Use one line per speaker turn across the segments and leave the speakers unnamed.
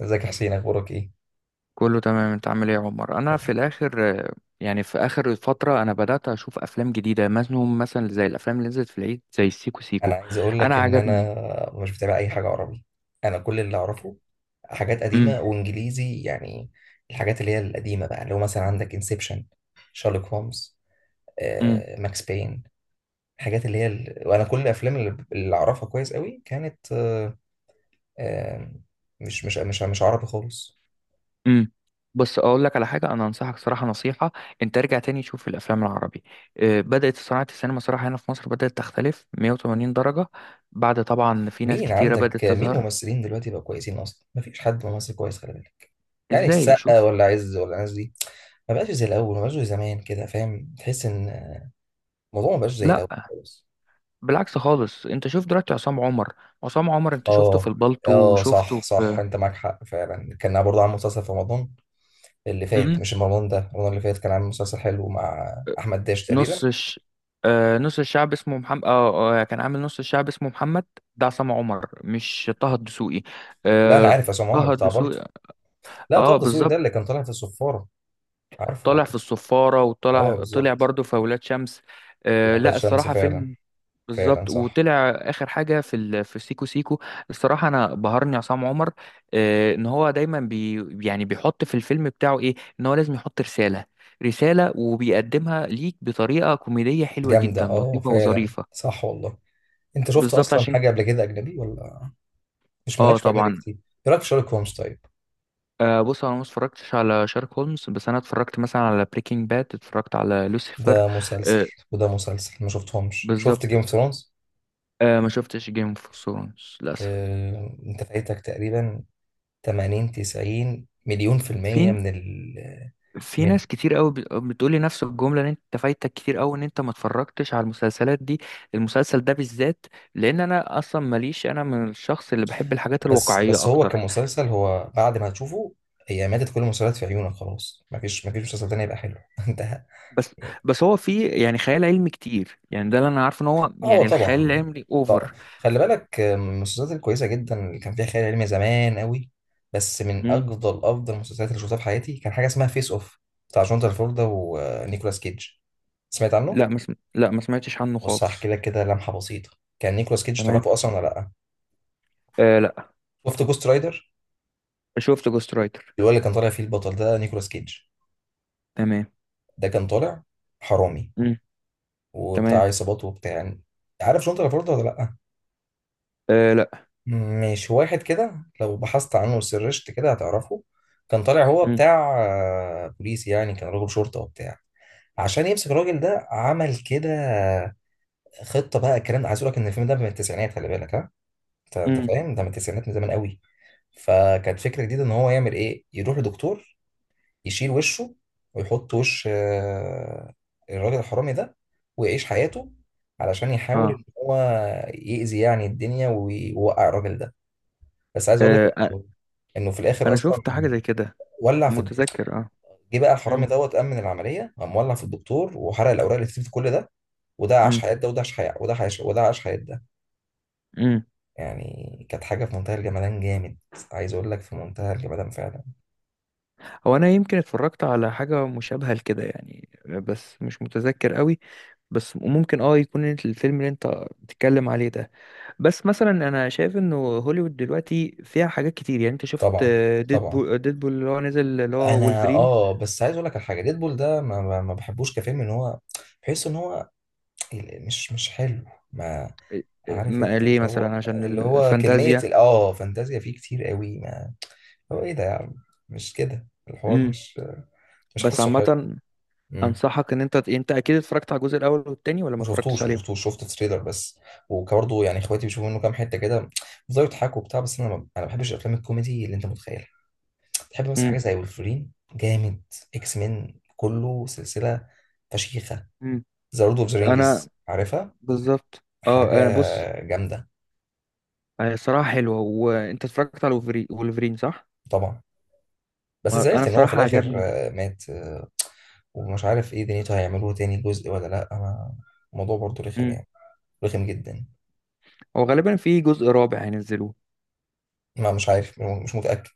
ازيك يا حسين، اخبارك ايه؟
كله تمام. انت عامل ايه يا عمر؟ انا في الاخر يعني في اخر فتره انا بدات اشوف افلام جديده مثلا زي الافلام اللي نزلت في العيد زي سيكو
انا
سيكو.
عايز اقول
انا
لك ان
عجبني.
انا مش بتابع اي حاجه عربي. انا كل اللي اعرفه حاجات
امم.
قديمه وانجليزي يعني. الحاجات اللي هي القديمه بقى، اللي هو مثلا عندك انسبشن، شارلوك هومز،
امم.
ماكس بين. الحاجات اللي هي وانا كل الافلام اللي اعرفها كويس قوي كانت، آه، مش عربي خالص.
امم. بص اقول لك على حاجه، انا انصحك صراحه نصيحه، انت ارجع تاني شوف الافلام العربي. اه، بدات صناعه السينما صراحه هنا في مصر بدات تختلف 180 درجه. بعد طبعا في ناس كتيره بدات
مين
تظهر.
ممثلين دلوقتي بقى كويسين؟ اصلا مفيش حد ممثل كويس خالص، يعني
ازاي؟
السقا
شوف.
ولا عز ولا الناس دي. ما بقاش زي الاول، ما بقاش زي زمان كده، فاهم؟ تحس ان الموضوع ما بقاش زي
لا،
الاول خالص.
بالعكس خالص. انت شوف دلوقتي عصام عمر. عصام عمر انت شفته في
اه
البالتو
اه،
وشفته
صح صح،
في...
انت معاك حق فعلا. كان برضه عامل مسلسل في رمضان اللي فات،
مم.
مش رمضان ده، رمضان اللي فات كان عامل مسلسل حلو مع احمد داش تقريبا.
نص الش... آه، نص الشعب اسمه محمد. كان عامل نص الشعب اسمه محمد. ده عصام عمر مش طه الدسوقي.
لا، انا
آه.
عارف عصام عمر
طه
بتاع بلطو.
الدسوقي.
لا،
اه،
طه دسوقي ده
بالظبط.
اللي كان طالع في الصفاره. عارفه،
طالع
اه.
في الصفارة، وطلع
بالظبط.
برضه في أولاد شمس. آه
واولاد
لا،
شمس
الصراحة
فعلا.
فيلم.
فعلا
بالظبط.
صح.
وطلع آخر حاجة في سيكو سيكو. الصراحة أنا بهرني عصام عمر. آه، إن هو دايما يعني بيحط في الفيلم بتاعه إيه. إن هو لازم يحط رسالة. وبيقدمها ليك بطريقة كوميدية حلوة
جامده،
جدا،
اه،
لطيفة
فعلا
وظريفة.
صح والله. انت شفت
بالظبط،
اصلا
عشان.
حاجه قبل كده اجنبي ولا؟ مش
اه،
مالكش في اجنبي
طبعا.
كتير؟ ايه رايك في شارلوك هومز طيب؟
آه، بص. انا ما اتفرجتش على شارك هولمز، بس انا اتفرجت مثلا على بريكنج باد، اتفرجت على لوسيفر.
ده مسلسل
آه،
وده مسلسل ما شفتهمش. شفت جيم
بالظبط.
اوف ثرونز؟
آه، ما شفتش جيم اوف ثرونز للاسف.
انت فايتك تقريبا 80 90 مليون في المية
في
من ال
في
من
ناس كتير قوي بتقول لي نفس الجمله ان انت فايتك كتير قوي، ان انت ما اتفرجتش على المسلسلات دي، المسلسل ده بالذات. لان انا اصلا ماليش. انا من الشخص اللي بحب الحاجات
بس
الواقعيه
بس هو
اكتر.
كمسلسل، هو بعد ما هتشوفه هي ماتت كل المسلسلات في عيونك، خلاص مفيش مسلسل تاني يبقى حلو. انت،
بس. هو في يعني خيال علمي كتير، يعني ده اللي انا عارفه، ان هو
هو
يعني الخيال
طبعا،
العلمي
ط-
اوفر.
خلي بالك، من المسلسلات الكويسه جدا اللي كان فيها خيال علمي زمان قوي. بس من افضل افضل المسلسلات اللي شفتها في حياتي كان حاجه اسمها فيس اوف، بتاع جون ترافولتا ونيكولاس كيدج. سمعت عنه؟
لا، ما سمعتش عنه
بص،
خالص.
هحكي لك كده لمحه بسيطه. كان نيكولاس كيدج تعرفه
تمام.
اصلا ولا لا؟
آه لا.
شفت جوست رايدر؟
شفت جوست رايتر.
اللي هو اللي كان طالع فيه البطل ده نيكولاس كيدج.
تمام.
ده كان طالع حرامي
مم.
وبتاع
تمام.
عصابات وبتاع، يعني. عارف جون ترافولتا ولا لا؟
آه لا.
مش واحد كده لو بحثت عنه وسرشت كده هتعرفه. كان طالع هو
مم.
بتاع بوليس، يعني كان راجل شرطة وبتاع. عشان يمسك الراجل ده عمل كده خطة بقى. الكلام ده، عايز اقول لك ان الفيلم ده من التسعينات، خلي بالك، ها؟ انت
مم.
فاهم؟ ده من التسعينات، من زمان قوي. فكانت فكرة جديدة، ان هو يعمل ايه، يروح لدكتور، يشيل وشه، ويحط وش الراجل الحرامي ده، ويعيش حياته علشان يحاول
آه.
ان هو يأذي يعني الدنيا ويوقع الراجل ده. بس عايز اقول لك
اه،
انه إنه في الاخر
انا
اصلا
شفت حاجه زي كده،
ولع في الد-
متذكر اه.
جه بقى الحرامي
مم.
دوت امن العمليه، قام ولع في الدكتور وحرق الاوراق اللي كتبت كل ده. وده عاش
مم.
حياه، ده وده عاش حياه، وده عاش، وده عاش حياه ده.
مم.
يعني كانت حاجه في منتهى الجمدان، جامد. عايز اقول لك في منتهى الجمدان فعلا.
هو انا يمكن اتفرجت على حاجه مشابهه لكده يعني، بس مش متذكر قوي، بس ممكن اه يكون الفيلم اللي انت بتتكلم عليه ده. بس مثلا انا شايف انه هوليوود دلوقتي فيها حاجات كتير، يعني انت شفت
طبعا طبعا.
ديدبول. اللي هو نزل، اللي هو
انا،
وولفرين.
اه، بس عايز اقول لك على حاجه. ديدبول ده ما بحبوش كفيلم، ان هو بحس ان هو، مش حلو. ما، عارف انت
ليه
اللي هو،
مثلا؟ عشان
اللي هو كميه
الفانتازيا.
فانتازيا فيه كتير قوي، ما. هو ايه ده يا عم؟ مش كده، الحوار،
امم.
مش
بس
حاسه حلو.
عامة،
امم.
انصحك ان انت اكيد اتفرجت على الجزء الاول والتاني، ولا ما
ما
اتفرجتش
شفتوش، ما
عليهم؟
شفتوش، شفت تريلر بس. وبرضه يعني اخواتي بيشوفوا منه كام حته كده، بيفضلوا يضحكوا وبتاع، بس انا ما بحبش الافلام الكوميدي اللي انت متخيلها. تحب مثلا حاجه
امم.
زي ولفرين، جامد؟ اكس مين كله سلسله فشيخه.
مم.
ذا لورد اوف ذا
انا.
رينجز، عارفها؟
بالظبط اه.
حاجه
أنا بص،
جامده.
هي الصراحة حلوة. وانت اتفرجت على وولفرين صح؟
طبعا، بس
انا
زعلت ان هو في
الصراحة
الاخر
عجبني.
مات، ومش عارف ايه دنيته، هيعملوه تاني جزء ولا لا؟ انا الموضوع برضه رخم
امم.
يعني، رخم جدا.
هو غالبا في جزء رابع هينزلوه.
ما مش عارف، مش متأكد.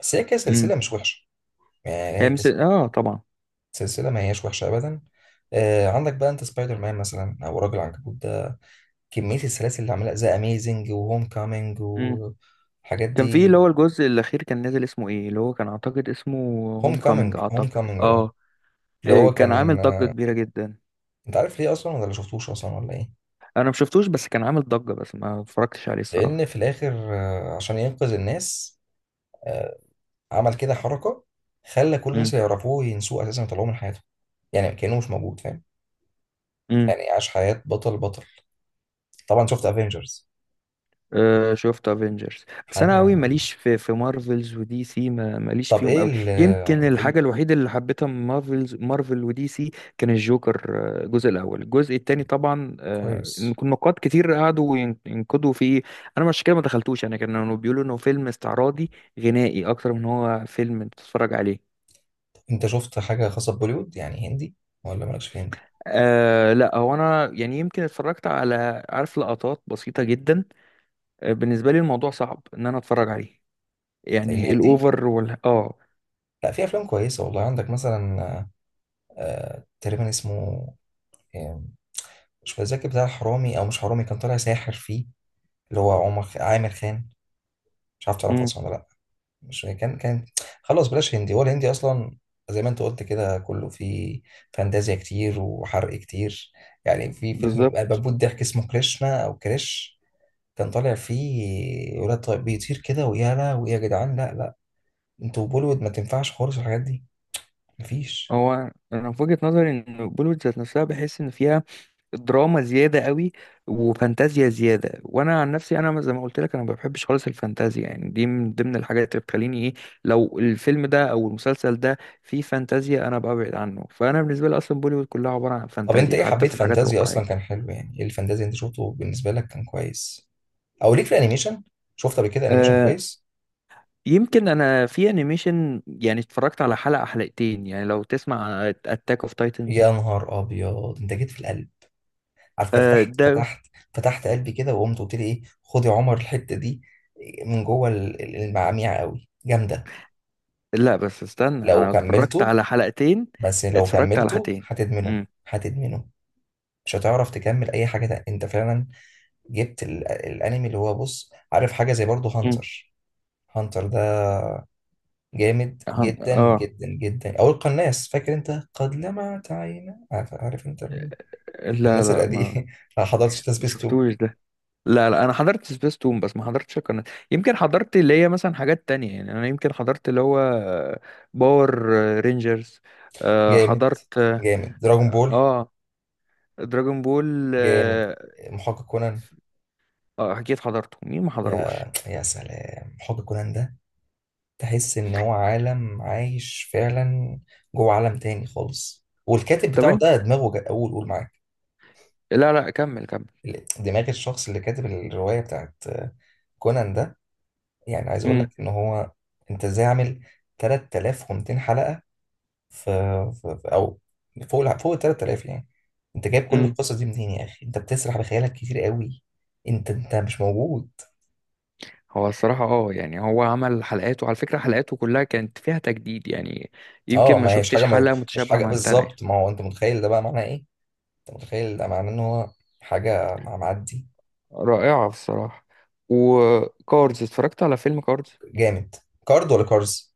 بس هي
امم.
كسلسلة مش وحشة، يعني
هي
هي
مثل اه، طبعا.
كسلسلة ما هياش وحشة أبدا. آه، عندك بقى أنت سبايدر مان مثلا، أو راجل عنكبوت ده، كمية السلاسل اللي عملها، ذا أميزنج وهوم كامينج
امم.
والحاجات
كان في اللي
دي.
هو الجزء الاخير كان نازل، اسمه ايه، اللي هو كان اعتقد اسمه
هوم
هوم كومينج،
كامينج، هوم
اعتقد
كامينج، أه.
اه.
اللي
إيه،
هو
كان عامل
كان،
ضجة كبيرة جدا.
أنت عارف ليه أصلا ولا شفتوش أصلا ولا إيه؟
انا ما شفتوش، بس كان عامل ضجة، بس ما اتفرجتش عليه الصراحة.
لأن في الآخر، عشان ينقذ الناس. آه. عمل كده حركة، خلى كل
امم.
الناس اللي يعرفوه ينسوه أساسا ويطلعوه من حياته، يعني كأنه مش موجود، فاهم؟
امم.
يعني عاش حياة بطل بطل. طبعا، شفت افنجرز؟
أه، شفت افنجرز، بس انا قوي
حاجه.
ماليش في. مارفلز ودي سي، ما ماليش
طب
فيهم
ايه
قوي. يمكن
إيه
الحاجة الوحيدة اللي حبيتها من مارفل ودي سي كان الجوكر. آه، الجزء الاول، الجزء التاني طبعا، آه، إن
كويس.
كنا نقاد كتير قعدوا ينقدوا فيه. انا مش كده، ما دخلتوش. انا كانوا بيقولوا انه فيلم استعراضي غنائي اكتر من هو فيلم انت تتفرج عليه.
طب انت شفت حاجه خاصه ببوليوود، يعني هندي، ولا مالكش في هندي؟
آه لا، هو انا يعني يمكن اتفرجت على، عارف، لقطات بسيطة جدا. بالنسبه لي الموضوع صعب ان انا اتفرج عليه، يعني
الهندي،
الاوفر وال اه.
لا، في افلام كويسه والله، عندك مثلا، آه، تقريبا اسمه، آه، مش فاكر، بتاع حرامي او مش حرامي، كان طالع ساحر فيه، اللي هو عامر خان، مش عارف تعرفه
امم.
اصلا ولا لا؟ مش كان كان خلاص بلاش هندي، هو الهندي اصلا زي ما انت قلت كده كله فيه فانتازيا كتير وحرق كتير. يعني في فيلم
بالظبط.
بموت ضحك اسمه كريشنا او كريش. كان طالع فيه ولاد طيب بيطير كده، ويا لا، ويا جدعان، لا لا. انتوا بوليوود ما تنفعش خالص الحاجات دي، مفيش.
هو انا في وجهه نظري ان بوليوود ذات نفسها بحس ان فيها دراما زياده قوي، وفانتازيا زياده. وانا عن نفسي انا زي ما قلت لك، انا ما بحبش خالص الفانتازيا، يعني دي من ضمن الحاجات اللي بتخليني ايه، لو الفيلم ده او المسلسل ده فيه فانتازيا انا ببعد عنه. فانا بالنسبه لي اصلا بوليوود كلها عباره عن
طب انت
فانتازيا،
ايه
حتى
حبيت
في الحاجات
فانتازيا اصلا؟ كان
الواقعيه.
حلو يعني؟ ايه الفانتازيا اللي انت شفته بالنسبه لك كان كويس؟ او ليك في الانيميشن؟ شفت قبل كده انيميشن
آه،
كويس؟
يمكن انا في انيميشن، يعني اتفرجت على حلقة حلقتين، يعني لو تسمع اتاك اوف تايتنز.
يا نهار ابيض، انت جيت في القلب، عارف كده، فتحت
ده؟
فتحت فتحت قلبي كده، وقمت قلت لي ايه، خد يا عمر الحته دي من جوه المعاميع، قوي جامده.
لا بس استنى،
لو
انا اتفرجت
كملته
على حلقتين.
لو
اتفرجت على
كملته
حلقتين.
هتدمنه،
امم.
هتدمنه، مش هتعرف تكمل اي حاجه تانية. انت فعلا جبت الانمي، اللي هو، بص عارف حاجه زي برضه
امم.
هانتر، هانتر ده جامد جدا
اه،
جدا جدا، او القناص، فاكر انت؟ قد لمعت عينا، عارف, انت
لا
الناس
لا،
القديمه. ما حضرتش
ما
تسبيس 2.
شفتوش ده. لا لا، انا حضرت سبيس تون، بس ما حضرتش القناة. يمكن حضرت اللي هي مثلا حاجات تانية، يعني انا يمكن حضرت اللي هو باور رينجرز.
جامد
حضرت.
جامد دراجون بول،
اه، دراجون بول.
جامد محقق كونان.
اه، اكيد حضرته، مين ما حضروش؟
يا سلام، محقق كونان ده تحس ان هو عالم عايش فعلا جوه عالم تاني خالص، والكاتب
طب
بتاعه
انت.
ده دماغه قول قول معاك.
لا لا، كمل كمل.
دماغ الشخص اللي كاتب الرواية بتاعت كونان ده، يعني عايز اقول لك
امم.
ان هو، انت ازاي عامل 3200 حلقة، في, في في- او فوق فوق ال 3000 يعني؟ انت جايب كل
امم.
القصة دي منين يا اخي؟ انت بتسرح بخيالك كتير قوي، انت مش موجود.
هو الصراحة اه يعني، هو عمل حلقاته، على فكرة حلقاته كلها كانت فيها تجديد، يعني يمكن
اه،
ما
ما هيش
شفتش
حاجة، ما
حلقة
مش
متشابهة
حاجة
مع التانية يعني.
بالظبط. ما هو انت متخيل ده بقى معناه ايه؟ انت متخيل ده معناه ان هو حاجة معدي،
رائعة الصراحة. وكارز، اتفرجت على فيلم كارز.
جامد. كارد ولا كارز؟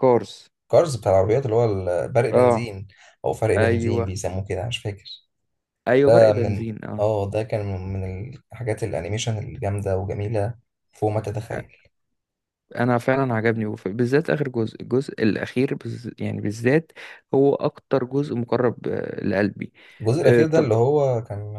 كارز.
كارز بتاع العربيات اللي هو برق
اه.
بنزين، او فرق بنزين
ايوه.
بيسموه كده، مش فاكر.
ايوه، برق
ده من ال-
بنزين اه.
اه ده كان من الحاجات الانيميشن الجامده وجميله فوق ما تتخيل.
انا فعلا عجبني، بالذات اخر جزء، الجزء الاخير يعني بالذات هو اكتر جزء مقرب آه، لقلبي.
الجزء
آه،
الاخير ده
طب.
اللي هو كان،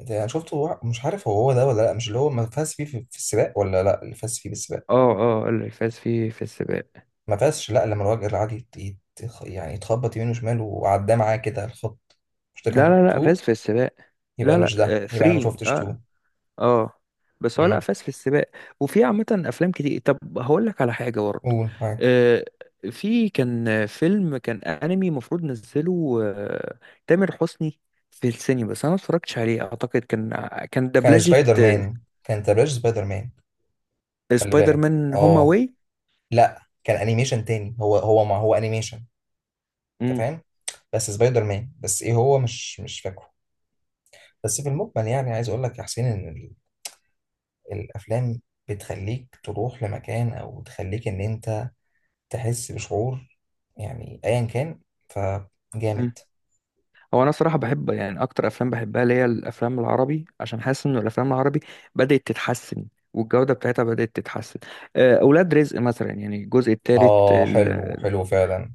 ده انا شفته، مش عارف هو ده ولا لا؟ مش اللي هو ما فاز فيه في السباق، ولا لا اللي فاز فيه بالسباق؟
اه اه، قال لي فاز في. السباق.
ما فازش، لا، لما الراجل العادي يعني يتخبط يمين وشمال وعداه معاه كده الخط، مش ده
لا
كان
لا لا،
2؟
فاز في السباق.
يبقى
لا
مش ده
لا،
يبقى انا ما
فري
شفتش
اه free.
2.
اه. آه. بس هو لا،
امم،
فاز في السباق. وفي عامة أفلام كتير. طب هقول لك على حاجة برضه.
قول معاك.
آه. في كان فيلم، كان أنمي المفروض نزله آه، تامر حسني في السينما، بس أنا ما اتفرجتش عليه، أعتقد كان
كان
دبلجة
سبايدر
آه،
مان، كان تبلاش سبايدر مان، خلي
سبايدر
بالك،
مان هوم
اه.
أواي.
لا، كان انيميشن تاني، هو ما هو انيميشن، انت فاهم، بس سبايدر مان، بس ايه هو مش فاكره. بس في المجمل يعني، عايز اقول لك يا حسين، ان الافلام بتخليك تروح لمكان، او تخليك ان انت تحس بشعور، يعني ايا كان، فجامد.
هو انا صراحه بحب، يعني اكتر افلام بحبها اللي هي الافلام العربي، عشان حاسس ان الافلام العربي بدات تتحسن، والجوده بتاعتها بدات تتحسن. آه، اولاد رزق مثلا، يعني الجزء الثالث
اه، حلو حلو فعلا.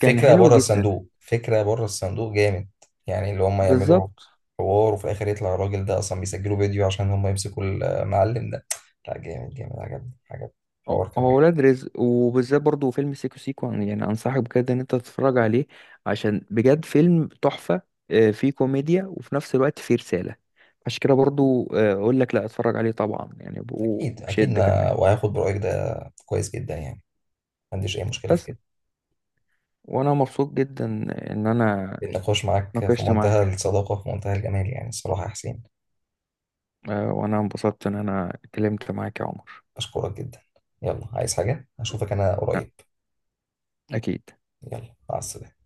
كان
فكرة
حلو
بره
جدا.
الصندوق، فكرة بره الصندوق جامد. يعني اللي هم يعملوا
بالظبط.
حوار وفي الآخر يطلع الراجل ده أصلا بيسجلوا فيديو عشان هم يمسكوا المعلم ده. لا، جامد جامد، عجبني عجبني. الحوار كان
هو
عجبني.
اولاد رزق، وبالذات برضو فيلم سيكو سيكو، يعني انصحك بجد ان انت تتفرج عليه، عشان بجد فيلم تحفه. آه، فيه كوميديا وفي نفس الوقت فيه رساله، عشان كده برضو آه، اقول لك لا اتفرج عليه طبعا، يعني
أكيد أكيد،
وبشده
أنا
كمان.
وهاخد برأيك ده، كويس جدا يعني، ما عنديش أي مشكلة في
بس.
كده.
وانا مبسوط جدا ان انا
النقاش معاك في
ناقشت
منتهى
معاك.
الصداقة، في منتهى الجمال، يعني الصراحة يا حسين،
آه، وانا انبسطت ان انا اتكلمت معاك يا عمر.
أشكرك جدا. يلا، عايز حاجة؟ أشوفك أنا
لا،
قريب.
اكيد.
يلا، مع السلامة.